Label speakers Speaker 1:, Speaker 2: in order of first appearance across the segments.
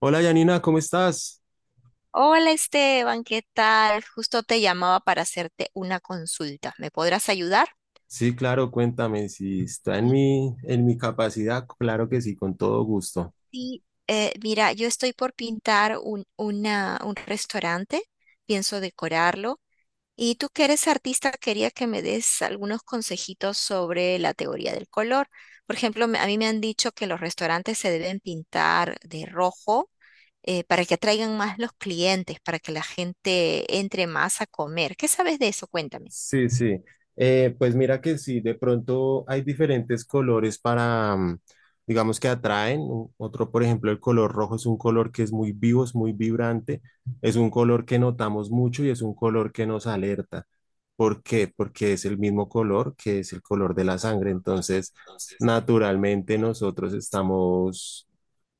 Speaker 1: Hola Yanina, ¿cómo estás?
Speaker 2: Hola Esteban, ¿qué tal? Justo te llamaba para hacerte una consulta. ¿Me podrás ayudar?
Speaker 1: Sí, claro, cuéntame si está en
Speaker 2: Sí,
Speaker 1: mi capacidad, claro que sí, con todo gusto.
Speaker 2: sí. Mira, yo estoy por pintar un restaurante, pienso decorarlo. Y tú que eres artista, quería que me des algunos consejitos sobre la teoría del color. Por ejemplo, a mí me han dicho que los restaurantes se deben pintar de rojo, para que atraigan más los clientes, para que la gente entre más a comer. ¿Qué sabes de eso? Cuéntame.
Speaker 1: Sí, sí. Pues mira que sí, de pronto hay diferentes colores para, digamos que atraen. Otro, por ejemplo, el color rojo es un color que es muy vivo, es muy vibrante, es un color que notamos mucho y es un color que nos alerta. ¿Por qué? Porque es el mismo color que es el color de la sangre. Entonces, naturalmente nosotros estamos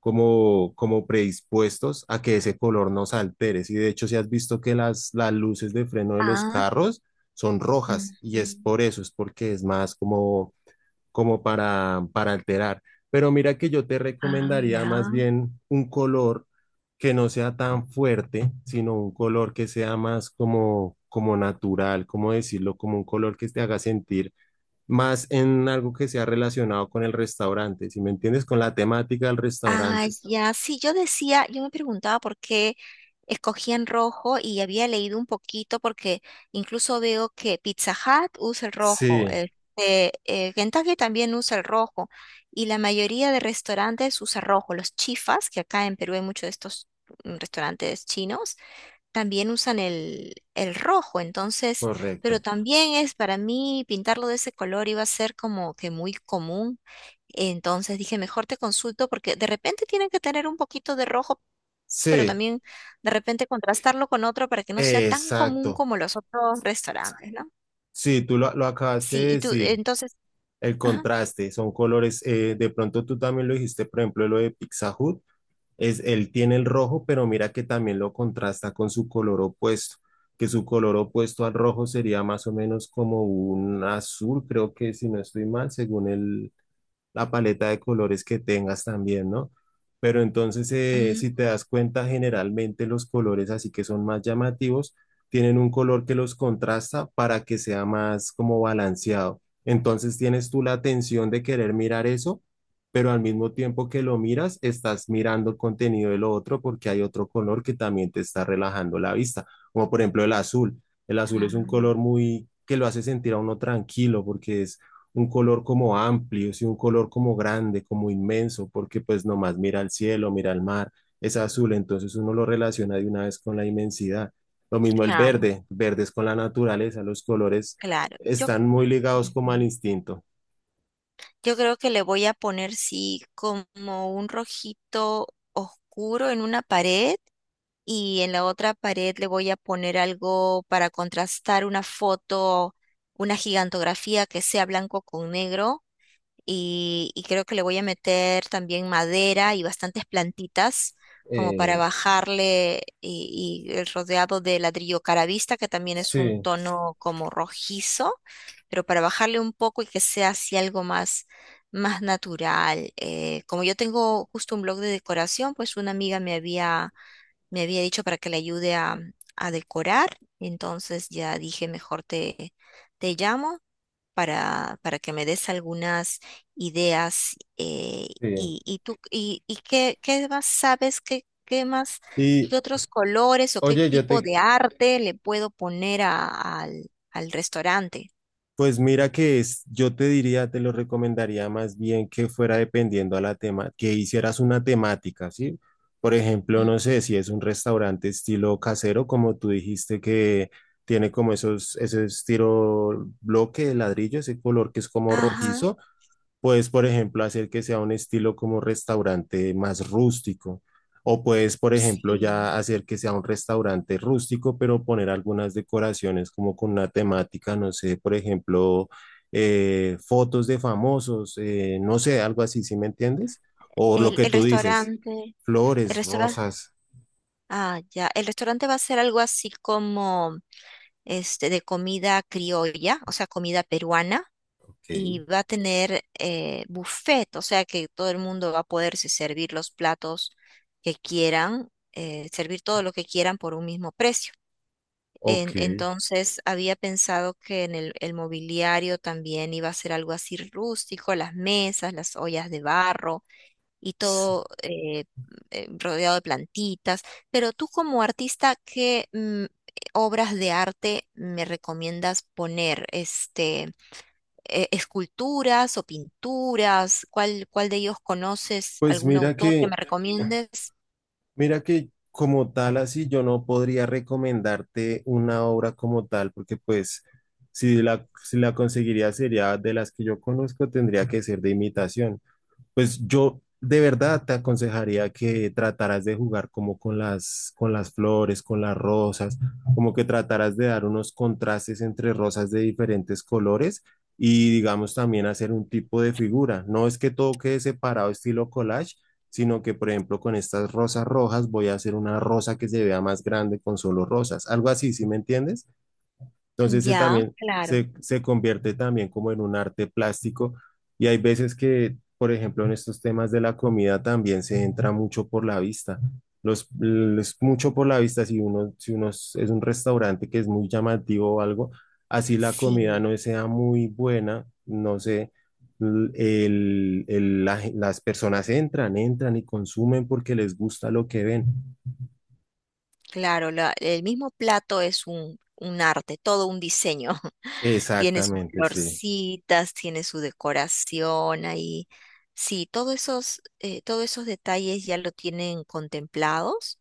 Speaker 1: como predispuestos a que ese color nos altere. Y de hecho, si has visto que las luces de freno de los carros son rojas y es
Speaker 2: Ujú.
Speaker 1: por eso, es porque es más como, como para alterar. Pero mira que yo te
Speaker 2: Ah,
Speaker 1: recomendaría más
Speaker 2: ya.
Speaker 1: bien un color que no sea tan fuerte, sino un color que sea más como, como natural, como decirlo, como un color que te haga sentir más en algo que sea relacionado con el restaurante, si me entiendes, con la temática del
Speaker 2: Ah,
Speaker 1: restaurante.
Speaker 2: ya. Sí, yo decía, yo me preguntaba por qué escogían rojo y había leído un poquito porque incluso veo que Pizza Hut usa el rojo,
Speaker 1: Sí,
Speaker 2: este, Kentucky también usa el rojo y la mayoría de restaurantes usa rojo. Los chifas, que acá en Perú hay muchos de estos, restaurantes chinos, también usan el rojo, entonces, pero
Speaker 1: correcto.
Speaker 2: también, es para mí pintarlo de ese color iba a ser como que muy común. Entonces dije, mejor te consulto porque de repente tienen que tener un poquito de rojo, pero
Speaker 1: Sí,
Speaker 2: también de repente contrastarlo con otro para que no sea tan común
Speaker 1: exacto.
Speaker 2: como los otros restaurantes, ¿no?
Speaker 1: Sí, tú lo acabaste
Speaker 2: Sí,
Speaker 1: de
Speaker 2: y tú,
Speaker 1: decir.
Speaker 2: entonces,
Speaker 1: El
Speaker 2: ajá.
Speaker 1: contraste, son colores, de pronto tú también lo dijiste, por ejemplo, lo de Pizza Hut, es, él tiene el rojo, pero mira que también lo contrasta con su color opuesto, que su color opuesto al rojo sería más o menos como un azul, creo que si no estoy mal, según el, la paleta de colores que tengas también, ¿no? Pero entonces, si
Speaker 2: Mm,
Speaker 1: te das cuenta, generalmente los colores así que son más llamativos tienen un color que los contrasta para que sea más como balanceado. Entonces tienes tú la atención de querer mirar eso, pero al mismo tiempo que lo miras, estás mirando el contenido de lo otro porque hay otro color que también te está relajando la vista, como por ejemplo el azul. El azul es un
Speaker 2: ah,
Speaker 1: color muy que lo hace sentir a uno tranquilo porque es un color como amplio, sí, un color como grande, como inmenso, porque pues nomás mira al cielo, mira al mar, es azul, entonces uno lo relaciona de una vez con la inmensidad. Lo mismo el
Speaker 2: claro,
Speaker 1: verde, verde es con la naturaleza, los colores
Speaker 2: claro. Yo,
Speaker 1: están muy ligados como al
Speaker 2: ujú,
Speaker 1: instinto.
Speaker 2: yo creo que le voy a poner, sí, como un rojito oscuro en una pared y en la otra pared le voy a poner algo para contrastar: una foto, una gigantografía que sea blanco con negro, y creo que le voy a meter también madera y bastantes plantitas como para
Speaker 1: Eh,
Speaker 2: bajarle, y el rodeado de ladrillo caravista, que también es un
Speaker 1: sí,
Speaker 2: tono como rojizo, pero para bajarle un poco y que sea así algo más, más natural. Como yo tengo justo un blog de decoración, pues una amiga me había dicho para que le ayude a decorar, entonces ya dije, mejor te, te llamo para que me des algunas ideas,
Speaker 1: sí.
Speaker 2: y tú y qué, qué más sabes, qué, qué más,
Speaker 1: Y
Speaker 2: qué otros colores o qué
Speaker 1: oye,
Speaker 2: tipo de arte le puedo poner al, al restaurante.
Speaker 1: pues mira que es, yo te diría, te lo recomendaría más bien que fuera dependiendo a la tema, que hicieras una temática, ¿sí? Por ejemplo, no
Speaker 2: Ujú.
Speaker 1: sé si es un restaurante estilo casero, como tú dijiste que tiene como esos, ese estilo bloque de ladrillo, ese color que es como
Speaker 2: Ajá,
Speaker 1: rojizo. Puedes, por ejemplo, hacer que sea un estilo como restaurante más rústico. O puedes, por ejemplo,
Speaker 2: sí.
Speaker 1: ya hacer que sea un restaurante rústico, pero poner algunas decoraciones como con una temática, no sé, por ejemplo, fotos de famosos, no sé, algo así, ¿sí me entiendes? O lo
Speaker 2: El,
Speaker 1: que
Speaker 2: el
Speaker 1: tú dices,
Speaker 2: restaurante, el
Speaker 1: flores,
Speaker 2: restaurante.
Speaker 1: rosas.
Speaker 2: Ah, ya. El restaurante va a ser algo así como este de comida criolla, o sea, comida peruana,
Speaker 1: Ok.
Speaker 2: y va a tener, buffet, o sea que todo el mundo va a poderse servir los platos que quieran, servir todo lo que quieran por un mismo precio. En-
Speaker 1: Ok.
Speaker 2: entonces había pensado que en el mobiliario también iba a ser algo así rústico, las mesas, las ollas de barro y
Speaker 1: S-
Speaker 2: todo, rodeado de plantitas. Pero tú como artista, ¿qué, obras de arte me recomiendas poner? Este, ¿esculturas o pinturas, cuál, cuál de ellos conoces?
Speaker 1: Pues
Speaker 2: ¿Algún
Speaker 1: mira
Speaker 2: autor que me
Speaker 1: que,
Speaker 2: recomiendes?
Speaker 1: mira que como tal, así yo no podría recomendarte una obra como tal, porque pues si la, si la conseguiría sería de las que yo conozco, tendría que ser de imitación. Pues yo de verdad te aconsejaría que trataras de jugar como con las flores, con las rosas, como que trataras de dar unos contrastes entre rosas de diferentes colores y digamos también hacer un tipo de figura. No es que todo quede separado estilo collage, sino que por ejemplo con estas rosas rojas voy a hacer una rosa que se vea más grande con solo rosas. Algo así, ¿sí me entiendes? Entonces
Speaker 2: Ya, claro.
Speaker 1: se convierte también como en un arte plástico y hay veces que, por ejemplo, en estos temas de la comida también se entra mucho por la vista. Los, es mucho por la vista, si uno, si uno es un restaurante que es muy llamativo o algo, así la comida
Speaker 2: Sí.
Speaker 1: no sea muy buena, no sé, las personas entran, entran y consumen porque les gusta lo que ven.
Speaker 2: Claro, el mismo plato es un arte, todo un diseño. Tiene sus
Speaker 1: Exactamente, sí.
Speaker 2: florcitas, tiene su decoración ahí. Sí, todos esos detalles ya lo tienen contemplados.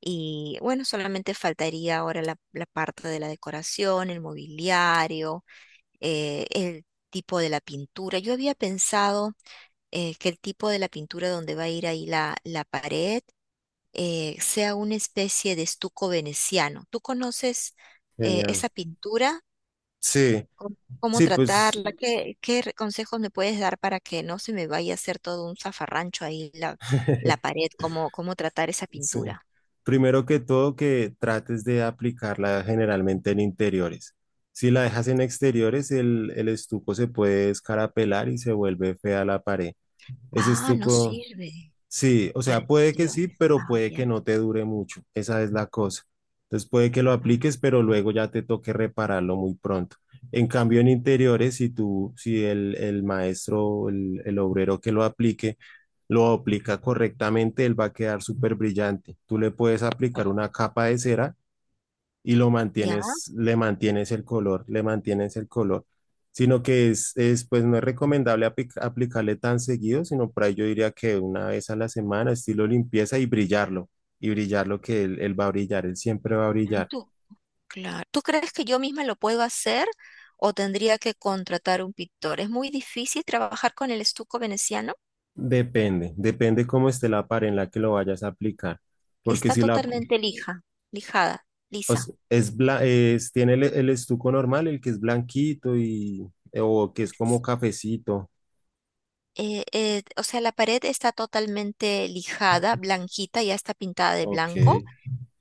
Speaker 2: Y bueno, solamente faltaría ahora la, la parte de la decoración, el mobiliario, el tipo de la pintura. Yo había pensado, que el tipo de la pintura donde va a ir ahí la, la pared, sea una especie de estuco veneciano. ¿Tú conoces,
Speaker 1: Genial.
Speaker 2: esa pintura?
Speaker 1: Sí,
Speaker 2: ¿Cómo, cómo
Speaker 1: sí, pues
Speaker 2: tratarla? ¿Qué, consejos me puedes dar para que no se me vaya a hacer todo un zafarrancho ahí la, la pared? ¿Cómo, cómo tratar esa
Speaker 1: sí.
Speaker 2: pintura?
Speaker 1: Primero que todo, que trates de aplicarla generalmente en interiores. Si la dejas en exteriores, el estuco se puede escarapelar y se vuelve fea la pared. Ese
Speaker 2: Ah, no
Speaker 1: estuco,
Speaker 2: sirve
Speaker 1: sí, o
Speaker 2: para
Speaker 1: sea, puede que sí,
Speaker 2: exteriores.
Speaker 1: pero
Speaker 2: Ah,
Speaker 1: puede que
Speaker 2: ya.
Speaker 1: no te dure mucho. Esa es la cosa. Entonces puede que lo apliques,
Speaker 2: Ah,
Speaker 1: pero luego ya te toque repararlo muy pronto. En cambio, en interiores, si tú, si el maestro, o el obrero que lo aplique, lo aplica correctamente, él va a quedar súper brillante. Tú le puedes aplicar una capa de cera y lo
Speaker 2: ya,
Speaker 1: mantienes, le mantienes el color, le mantienes el color, sino que es, pues no es recomendable aplicarle tan seguido, sino por ahí yo diría que una vez a la semana, estilo limpieza y brillarlo que él va a brillar, él siempre va a brillar.
Speaker 2: tú, claro. ¿Tú crees que yo misma lo puedo hacer o tendría que contratar un pintor? ¿Es muy difícil trabajar con el estuco veneciano?
Speaker 1: Depende, depende cómo esté la pared en la que lo vayas a aplicar, porque
Speaker 2: Está
Speaker 1: si la
Speaker 2: totalmente lija, lijada,
Speaker 1: o
Speaker 2: lisa.
Speaker 1: s- es, bla- es tiene el estuco normal, el que es blanquito y o que es como cafecito.
Speaker 2: O sea, la pared está totalmente lijada, blanquita, ya está pintada de
Speaker 1: Ok.
Speaker 2: blanco.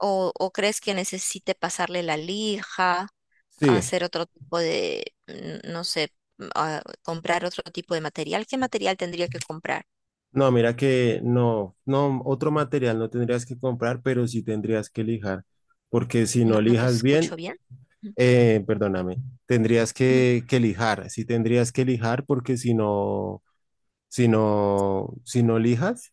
Speaker 2: O crees que necesite pasarle la lija,
Speaker 1: Sí,
Speaker 2: hacer otro tipo de, no sé, comprar otro tipo de material? ¿Qué material tendría que comprar?
Speaker 1: no, mira que no, no, otro material no tendrías que comprar, pero sí tendrías que lijar, porque si no
Speaker 2: No, no te
Speaker 1: lijas
Speaker 2: escucho
Speaker 1: bien,
Speaker 2: bien.
Speaker 1: perdóname, tendrías
Speaker 2: Ujú,
Speaker 1: que lijar, sí tendrías que lijar, porque si no, si no, si no lijas,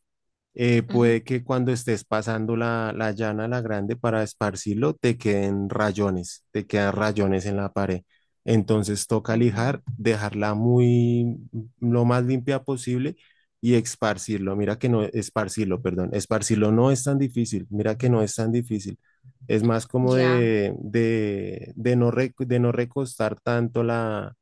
Speaker 2: ujú,
Speaker 1: puede que cuando estés pasando la llana, la grande, para esparcirlo, te queden rayones, te quedan rayones en la pared. Entonces toca
Speaker 2: ujú.
Speaker 1: lijar, dejarla muy, lo más limpia posible y esparcirlo. Mira que no, esparcirlo, perdón, esparcirlo no es tan difícil, mira que no es tan difícil. Es más como
Speaker 2: Ya.
Speaker 1: de no, de no recostar tanto la,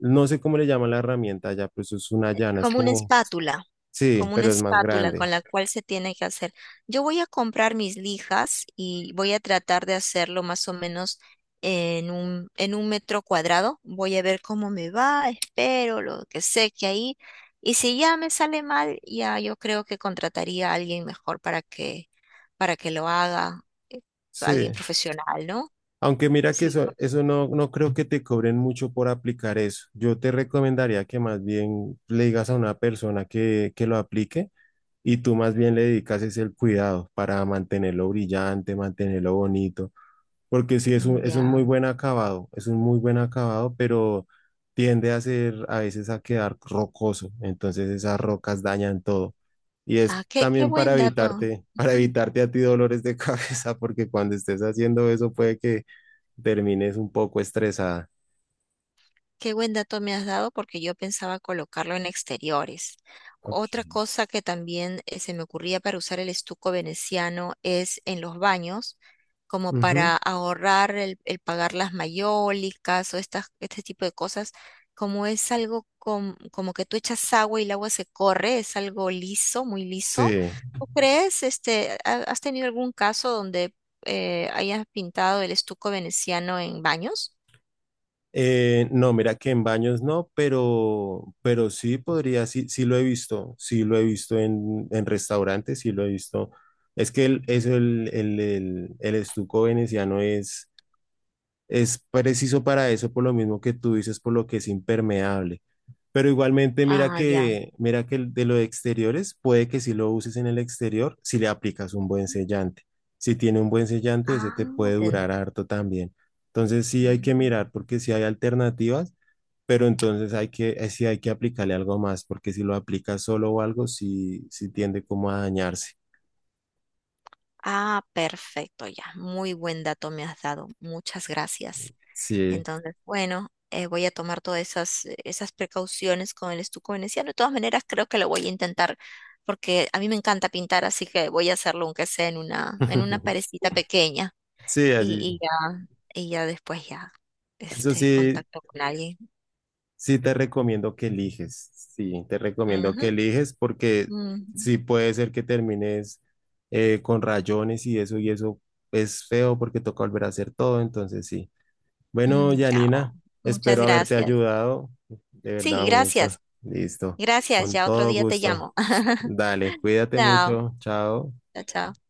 Speaker 1: no sé cómo le llaman la herramienta ya, pues es una llana, es
Speaker 2: Como una
Speaker 1: como,
Speaker 2: espátula,
Speaker 1: sí,
Speaker 2: como una
Speaker 1: pero es más
Speaker 2: espátula
Speaker 1: grande.
Speaker 2: con la cual se tiene que hacer. Yo voy a comprar mis lijas y voy a tratar de hacerlo más o menos en un metro cuadrado. Voy a ver cómo me va, espero lo que sé que ahí. Y si ya me sale mal, ya yo creo que contrataría a alguien mejor para que lo haga, eh, alguien
Speaker 1: Sí.
Speaker 2: profesional, ¿no?
Speaker 1: Aunque mira que
Speaker 2: Sí,
Speaker 1: eso,
Speaker 2: por-.
Speaker 1: eso no, no creo que te cobren mucho por aplicar eso. Yo te recomendaría que más bien le digas a una persona que lo aplique y tú más bien le dedicas es el cuidado para mantenerlo brillante, mantenerlo bonito porque sí es un muy
Speaker 2: Ya.
Speaker 1: buen acabado, es un muy buen acabado, pero tiende a ser a veces a quedar rocoso, entonces esas rocas dañan todo. Y es
Speaker 2: Ah, qué, qué
Speaker 1: también para
Speaker 2: buen dato.
Speaker 1: evitarte, para evitarte a ti dolores de cabeza, porque cuando estés haciendo eso puede que termines un poco estresada.
Speaker 2: Qué buen dato me has dado porque yo pensaba colocarlo en exteriores. Otra
Speaker 1: Ok.
Speaker 2: cosa que también, se me ocurría para usar el estuco veneciano es en los baños, como para
Speaker 1: Ujú.
Speaker 2: ahorrar el pagar las mayólicas o estas, este tipo de cosas. Como es algo, como que tú echas agua y el agua se corre, es algo liso, muy liso.
Speaker 1: Sí.
Speaker 2: ¿Tú crees, este, has tenido algún caso donde, hayas pintado el estuco veneciano en baños?
Speaker 1: No, mira que en baños no, pero sí podría, sí, sí lo he visto, sí lo he visto en restaurantes, sí lo he visto. Es que el, es el estuco veneciano es preciso para eso, por lo mismo que tú dices, por lo que es impermeable. Pero igualmente,
Speaker 2: Ah, ya.
Speaker 1: mira que el de los exteriores, puede que si lo uses en el exterior, si le aplicas un buen sellante. Si tiene un buen sellante, ese te
Speaker 2: Ah,
Speaker 1: puede
Speaker 2: ten-.
Speaker 1: durar harto también. Entonces sí hay que
Speaker 2: Mm.
Speaker 1: mirar porque sí hay alternativas, pero entonces hay que, sí hay que aplicarle algo más, porque si lo aplicas solo o algo, sí, sí tiende como a dañarse.
Speaker 2: Ah, perfecto, ya. Muy buen dato me has dado. Muchas gracias.
Speaker 1: Sí.
Speaker 2: Entonces, bueno, voy a tomar todas esas, esas precauciones con el estuco veneciano. De todas maneras, creo que lo voy a intentar porque a mí me encanta pintar, así que voy a hacerlo aunque sea en una parecita pequeña
Speaker 1: Sí, así.
Speaker 2: y, y ya, y ya después ya,
Speaker 1: Eso
Speaker 2: este,
Speaker 1: sí,
Speaker 2: contacto con alguien.
Speaker 1: sí, te recomiendo que eliges, sí, te recomiendo
Speaker 2: Ujú,
Speaker 1: que eliges porque
Speaker 2: ujú.
Speaker 1: sí puede ser que termines con rayones y eso es feo porque toca volver a hacer todo, entonces sí. Bueno,
Speaker 2: Mm, ya, oh,
Speaker 1: Janina,
Speaker 2: muchas
Speaker 1: espero haberte
Speaker 2: gracias.
Speaker 1: ayudado, de
Speaker 2: Sí,
Speaker 1: verdad un gusto,
Speaker 2: gracias.
Speaker 1: listo,
Speaker 2: Gracias.
Speaker 1: con
Speaker 2: Ya otro
Speaker 1: todo
Speaker 2: día te
Speaker 1: gusto.
Speaker 2: llamo.
Speaker 1: Dale, cuídate
Speaker 2: Chao,
Speaker 1: mucho, chao.
Speaker 2: chao, chao.